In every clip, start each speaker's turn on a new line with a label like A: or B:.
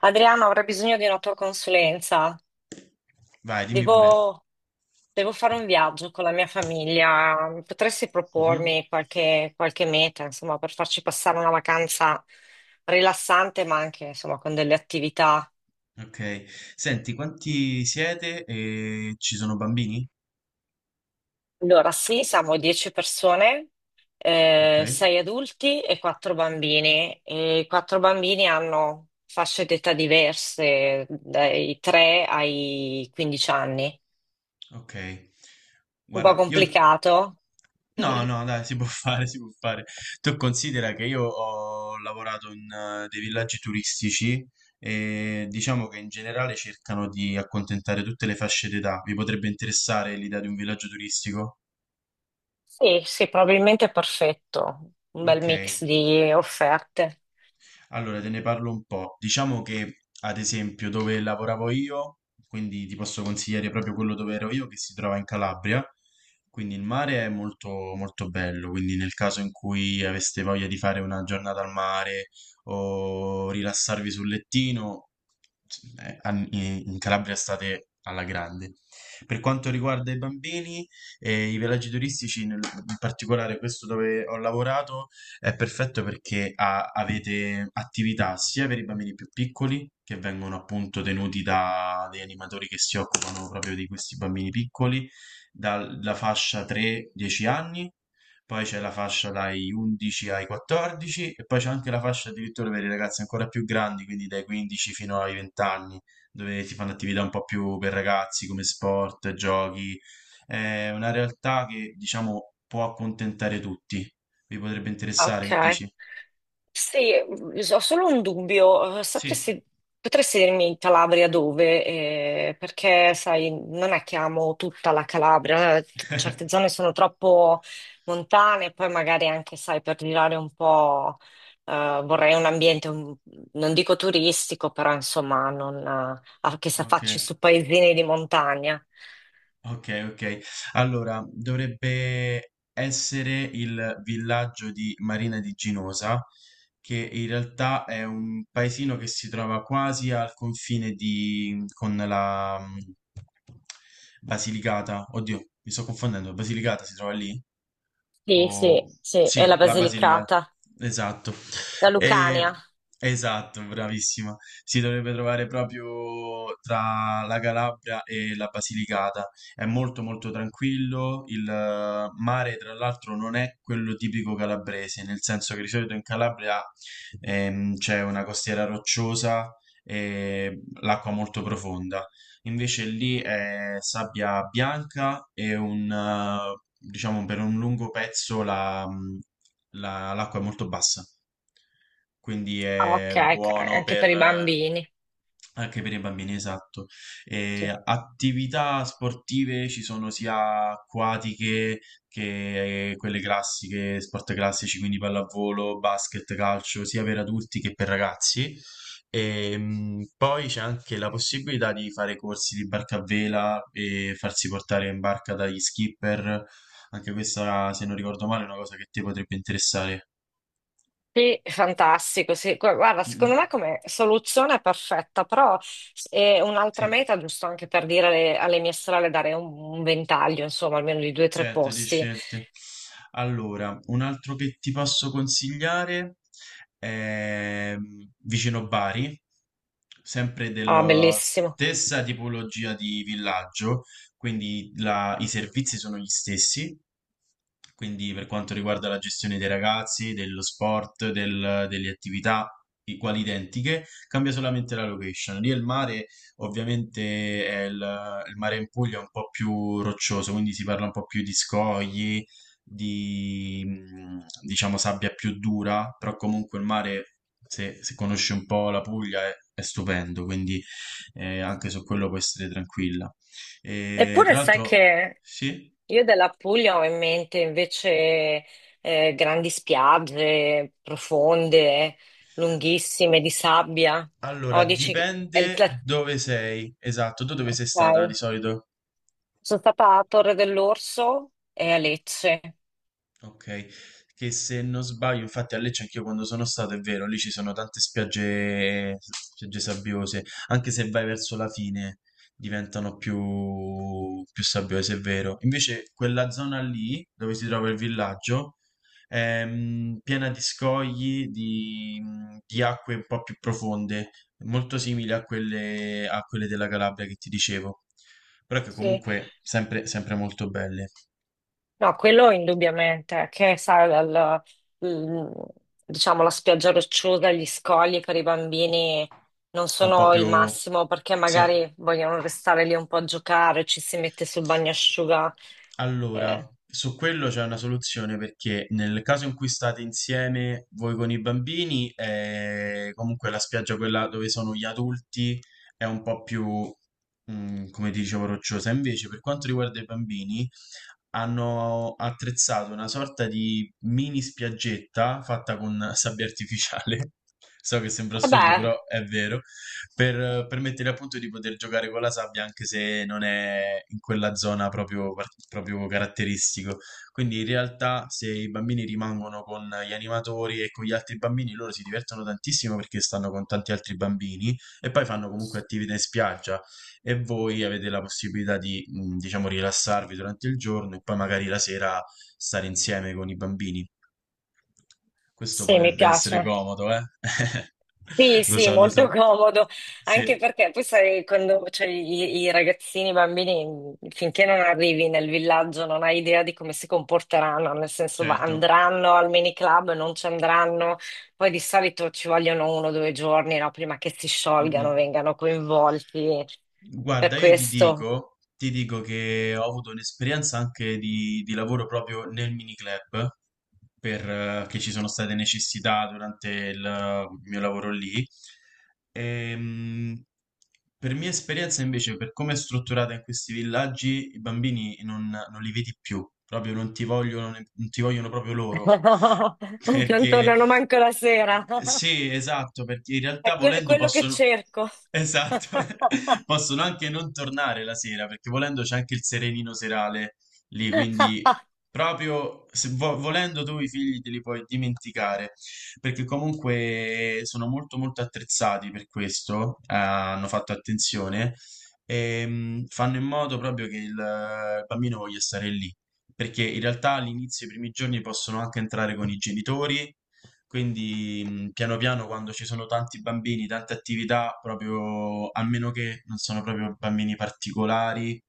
A: Adriano, avrei bisogno di una tua consulenza.
B: Vai, dimmi pure.
A: Devo, devo fare un viaggio con la mia famiglia. Potresti
B: Mhm.
A: propormi qualche meta, insomma, per farci passare una vacanza rilassante, ma anche, insomma, con delle attività.
B: Ok. Senti, quanti siete e ci sono bambini?
A: Allora, sì, siamo 10 persone,
B: Ok.
A: 6 adulti e 4 bambini. E i 4 bambini hanno fasce d'età diverse, dai 3 ai 15 anni.
B: Ok.
A: Un po'
B: Guarda, io...
A: complicato.
B: No, no, dai, si può fare, si può fare. Tu considera che io ho lavorato in dei villaggi turistici e diciamo che in generale cercano di accontentare tutte le fasce d'età. Vi potrebbe interessare l'idea di un villaggio turistico?
A: Sì, sì, probabilmente è perfetto, un bel
B: Ok.
A: mix di offerte.
B: Allora, te ne parlo un po'. Diciamo che, ad esempio, dove lavoravo io, quindi ti posso consigliare proprio quello dove ero io, che si trova in Calabria. Quindi il mare è molto, molto bello. Quindi, nel caso in cui aveste voglia di fare una giornata al mare o rilassarvi sul lettino, in Calabria state alla grande. Per quanto riguarda i bambini e i villaggi turistici, in particolare questo dove ho lavorato. È perfetto perché avete attività sia per i bambini più piccoli, che vengono appunto tenuti da dei animatori che si occupano proprio di questi bambini piccoli, dalla fascia 3-10 anni, poi c'è la fascia dai 11 ai 14 e poi c'è anche la fascia addirittura per i ragazzi ancora più grandi, quindi dai 15 fino ai 20 anni, dove si fanno attività un po' più per ragazzi come sport, giochi. È una realtà che diciamo può accontentare tutti, vi potrebbe interessare, che
A: Ok.
B: dici?
A: Sì, ho solo un dubbio.
B: Sì.
A: Sapresti, potresti dirmi in Calabria dove? Perché, sai, non è che amo tutta la Calabria. Certe zone sono troppo montane, poi magari anche, sai, per girare un po', vorrei un ambiente, non dico turistico, però insomma, non, che si
B: Ok,
A: affacci su paesini di montagna.
B: ok, ok. Allora, dovrebbe essere il villaggio di Marina di Ginosa, che in realtà è un paesino che si trova quasi al confine di, con la Basilicata. Oddio, mi sto confondendo. Basilicata si trova lì?
A: Sì,
B: O-
A: sì, sì, è la
B: sì, la Basilicata,
A: Basilicata,
B: esatto.
A: la Lucania.
B: E- esatto, bravissima. Si dovrebbe trovare proprio tra la Calabria e la Basilicata. È molto molto tranquillo. Il mare, tra l'altro, non è quello tipico calabrese, nel senso che di solito in Calabria c'è una costiera rocciosa e l'acqua molto profonda. Invece lì è sabbia bianca e un, diciamo, per un lungo pezzo l'acqua è molto bassa. Quindi
A: Ah, ok,
B: è
A: ok,
B: buono
A: anche per
B: per,
A: i bambini.
B: anche per i bambini, esatto. E
A: Sì,
B: attività sportive ci sono sia acquatiche che quelle classiche, sport classici, quindi pallavolo, basket, calcio, sia per adulti che per ragazzi. E poi c'è anche la possibilità di fare corsi di barca a vela e farsi portare in barca dagli skipper. Anche questa, se non ricordo male, è una cosa che ti potrebbe interessare.
A: sì, fantastico. Sì. Guarda,
B: Mm,
A: secondo
B: mm.
A: me come soluzione è perfetta, però è un'altra
B: Sì.
A: meta, giusto anche per dire alle mie sorelle, dare un ventaglio, insomma, almeno di due o tre
B: Certo, di
A: posti.
B: scelte. Allora, un altro che ti posso consigliare è vicino Bari, sempre
A: Ah,
B: della
A: bellissimo.
B: stessa tipologia di villaggio, quindi i servizi sono gli stessi, quindi per quanto riguarda la gestione dei ragazzi, dello sport, delle attività, quali identiche, cambia solamente la location. Lì il mare ovviamente è il mare in Puglia è un po' più roccioso, quindi si parla un po' più di scogli, di diciamo sabbia più dura, però comunque il mare, se conosci un po' la Puglia, è stupendo, quindi anche su quello puoi essere tranquilla. E,
A: Eppure
B: tra
A: sai
B: l'altro,
A: che
B: sì.
A: io della Puglia ho in mente invece grandi spiagge profonde, lunghissime, di sabbia.
B: Allora,
A: No, dici che è il
B: dipende
A: pla-
B: dove sei, esatto, tu dove sei stata di
A: Ok.
B: solito?
A: Sono stata a Torre dell'Orso e a Lecce.
B: Ok, che se non sbaglio, infatti a Lecce anch'io quando sono stato, è vero, lì ci sono tante spiagge, spiagge sabbiose, anche se vai verso la fine diventano più, più sabbiose, è vero. Invece quella zona lì, dove si trova il villaggio, è piena di scogli, di acque un po' più profonde, molto simili a quelle della Calabria che ti dicevo, però che
A: Sì.
B: comunque sempre sempre molto belle.
A: No, quello indubbiamente, che sai, il- diciamo la spiaggia rocciosa, gli scogli per i bambini non
B: È un po'
A: sono il
B: più...
A: massimo perché
B: Sì.
A: magari vogliono restare lì un po' a giocare, ci si mette sul bagnasciuga.
B: Allora,
A: eh,
B: su quello c'è una soluzione perché nel caso in cui state insieme voi con i bambini, comunque la spiaggia quella dove sono gli adulti è un po' più, come ti dicevo, rocciosa. Invece, per quanto riguarda i bambini, hanno attrezzato una sorta di mini spiaggetta fatta con sabbia artificiale. So che sembra assurdo,
A: Vabbè,
B: però è vero per permettere appunto di poter giocare con la sabbia anche se non è in quella zona proprio, proprio caratteristico. Quindi in realtà se i bambini rimangono con gli animatori e con gli altri bambini, loro si divertono tantissimo perché stanno con tanti altri bambini e poi fanno comunque attività in spiaggia e voi avete la possibilità di, diciamo, rilassarvi durante il giorno e poi magari la sera stare insieme con i bambini. Questo
A: sì, mi
B: potrebbe essere
A: piace.
B: comodo, eh?
A: Sì,
B: Lo
A: sì,
B: so, lo
A: molto
B: so.
A: comodo,
B: Sì.
A: anche perché poi sai, quando cioè, i ragazzini, i bambini, finché non arrivi nel villaggio non hai idea di come si comporteranno, nel senso
B: Certo.
A: andranno al mini club, non ci andranno, poi di solito ci vogliono uno o due giorni, no, prima che si
B: Mh-mh.
A: sciolgano, vengano coinvolti, per
B: Guarda, io ti
A: questo
B: dico ti dico che ho avuto un'esperienza anche di lavoro proprio nel miniclub, perché ci sono state necessità durante il mio lavoro lì. Ehm, per mia esperienza invece, per come è strutturata in questi villaggi, i bambini non, non li vedi più, proprio non ti vogliono, non ti vogliono proprio loro.
A: non
B: Perché
A: tornano manco la sera,
B: sì, esatto, perché in realtà
A: è
B: volendo
A: quello che
B: possono,
A: cerco.
B: esatto, possono anche non tornare la sera, perché volendo c'è anche il serenino serale lì, quindi proprio se volendo tu i figli te li puoi dimenticare, perché comunque sono molto molto attrezzati per questo, hanno fatto attenzione e fanno in modo proprio che il bambino voglia stare lì, perché in realtà all'inizio, i primi giorni possono anche entrare con i genitori, quindi piano piano quando ci sono tanti bambini, tante attività, proprio a meno che non sono proprio bambini particolari,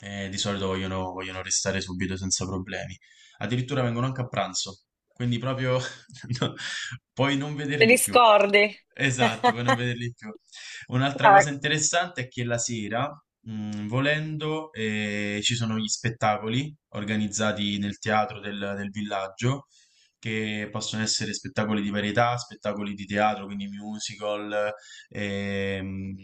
B: di solito vogliono, vogliono restare subito senza problemi. Addirittura vengono anche a pranzo, quindi proprio no, puoi non
A: Te li
B: vederli più.
A: scordi?
B: Esatto, puoi non vederli più. Un'altra cosa
A: Guarda,
B: interessante è che la sera, volendo, ci sono gli spettacoli organizzati nel teatro del, del villaggio che possono essere spettacoli di varietà, spettacoli di teatro, quindi musical, ehm,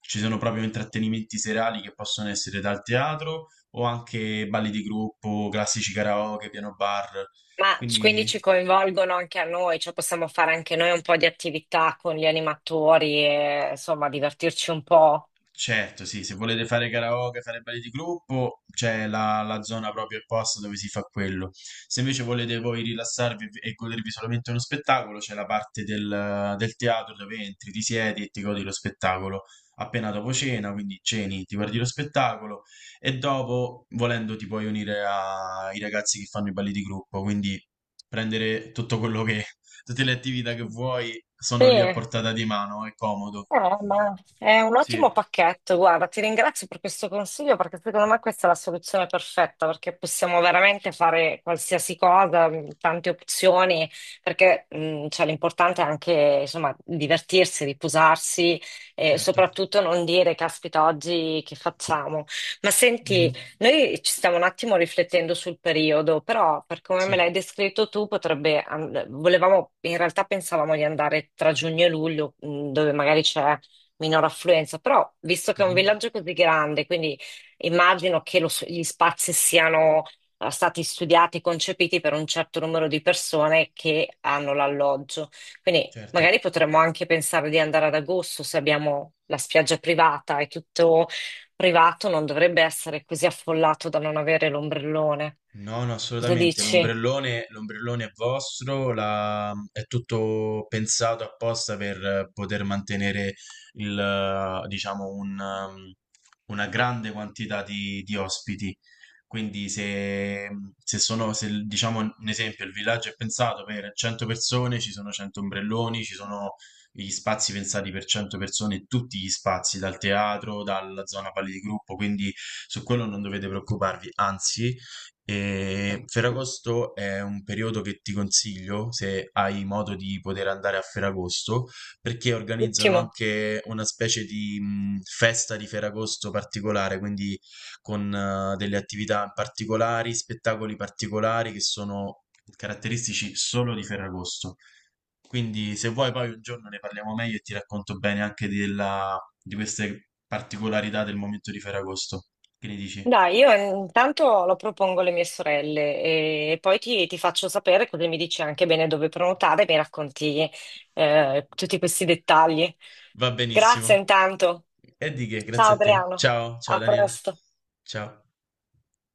B: ci sono proprio intrattenimenti serali che possono essere dal teatro o anche balli di gruppo, classici karaoke, piano bar,
A: ma quindi
B: quindi
A: ci coinvolgono anche a noi, cioè possiamo fare anche noi un po' di attività con gli animatori e insomma divertirci un po'.
B: certo, sì, se volete fare karaoke, fare balli di gruppo, c'è la, la zona proprio apposta dove si fa quello. Se invece volete voi rilassarvi e godervi solamente uno spettacolo, c'è la parte del, del teatro dove entri, ti siedi e ti godi lo spettacolo appena dopo cena, quindi ceni, ti guardi lo spettacolo e dopo, volendo, ti puoi unire ai ragazzi che fanno i balli di gruppo, quindi prendere tutto quello che, tutte le attività che vuoi sono lì a
A: Sì.
B: portata di mano, è comodo.
A: Ma è un ottimo
B: Sì.
A: pacchetto, guarda, ti ringrazio per questo consiglio perché secondo me questa è la soluzione perfetta perché possiamo veramente fare qualsiasi cosa, tante opzioni, perché cioè, l'importante è anche insomma divertirsi, riposarsi e
B: Certo.
A: soprattutto non dire caspita oggi che facciamo. Ma
B: Mh-mh.
A: senti, noi ci stiamo un attimo riflettendo sul periodo, però per come me l'hai
B: Sì.
A: descritto tu, potrebbe, volevamo, in realtà pensavamo di andare tra giugno e luglio, dove magari c'è minor affluenza, però visto che è un
B: Mh-mh.
A: villaggio così grande, quindi immagino che gli spazi siano stati studiati, concepiti per un certo numero di persone che hanno l'alloggio. Quindi
B: Certo.
A: magari potremmo anche pensare di andare ad agosto se abbiamo la spiaggia privata e tutto privato non dovrebbe essere così affollato da non avere l'ombrellone.
B: No, no,
A: Cosa
B: assolutamente.
A: dici?
B: L'ombrellone, l'ombrellone è vostro, è tutto pensato apposta per poter mantenere il, diciamo, una grande quantità di ospiti. Quindi se, se sono, se, il- diciamo, un esempio, il villaggio è pensato per 100 persone, ci sono 100 ombrelloni, ci sono gli spazi pensati per 100 persone, tutti gli spazi, dal teatro, dalla zona pali di gruppo, quindi su quello non dovete preoccuparvi, anzi... E Ferragosto è un periodo che ti consiglio se hai modo di poter andare a Ferragosto, perché organizzano
A: Ottimo.
B: anche una specie di festa di Ferragosto particolare, quindi con delle attività particolari, spettacoli particolari che sono caratteristici solo di Ferragosto. Quindi se vuoi poi un giorno ne parliamo meglio e ti racconto bene di queste particolarità del momento di Ferragosto. Che ne dici?
A: Dai, io intanto lo propongo alle mie sorelle e poi ti faccio sapere così mi dici anche bene dove prenotare e mi racconti tutti questi dettagli.
B: Va
A: Grazie
B: benissimo.
A: intanto.
B: E di che,
A: Ciao
B: grazie a te.
A: Adriano,
B: Ciao, ciao
A: a
B: Daniela.
A: presto.
B: Ciao.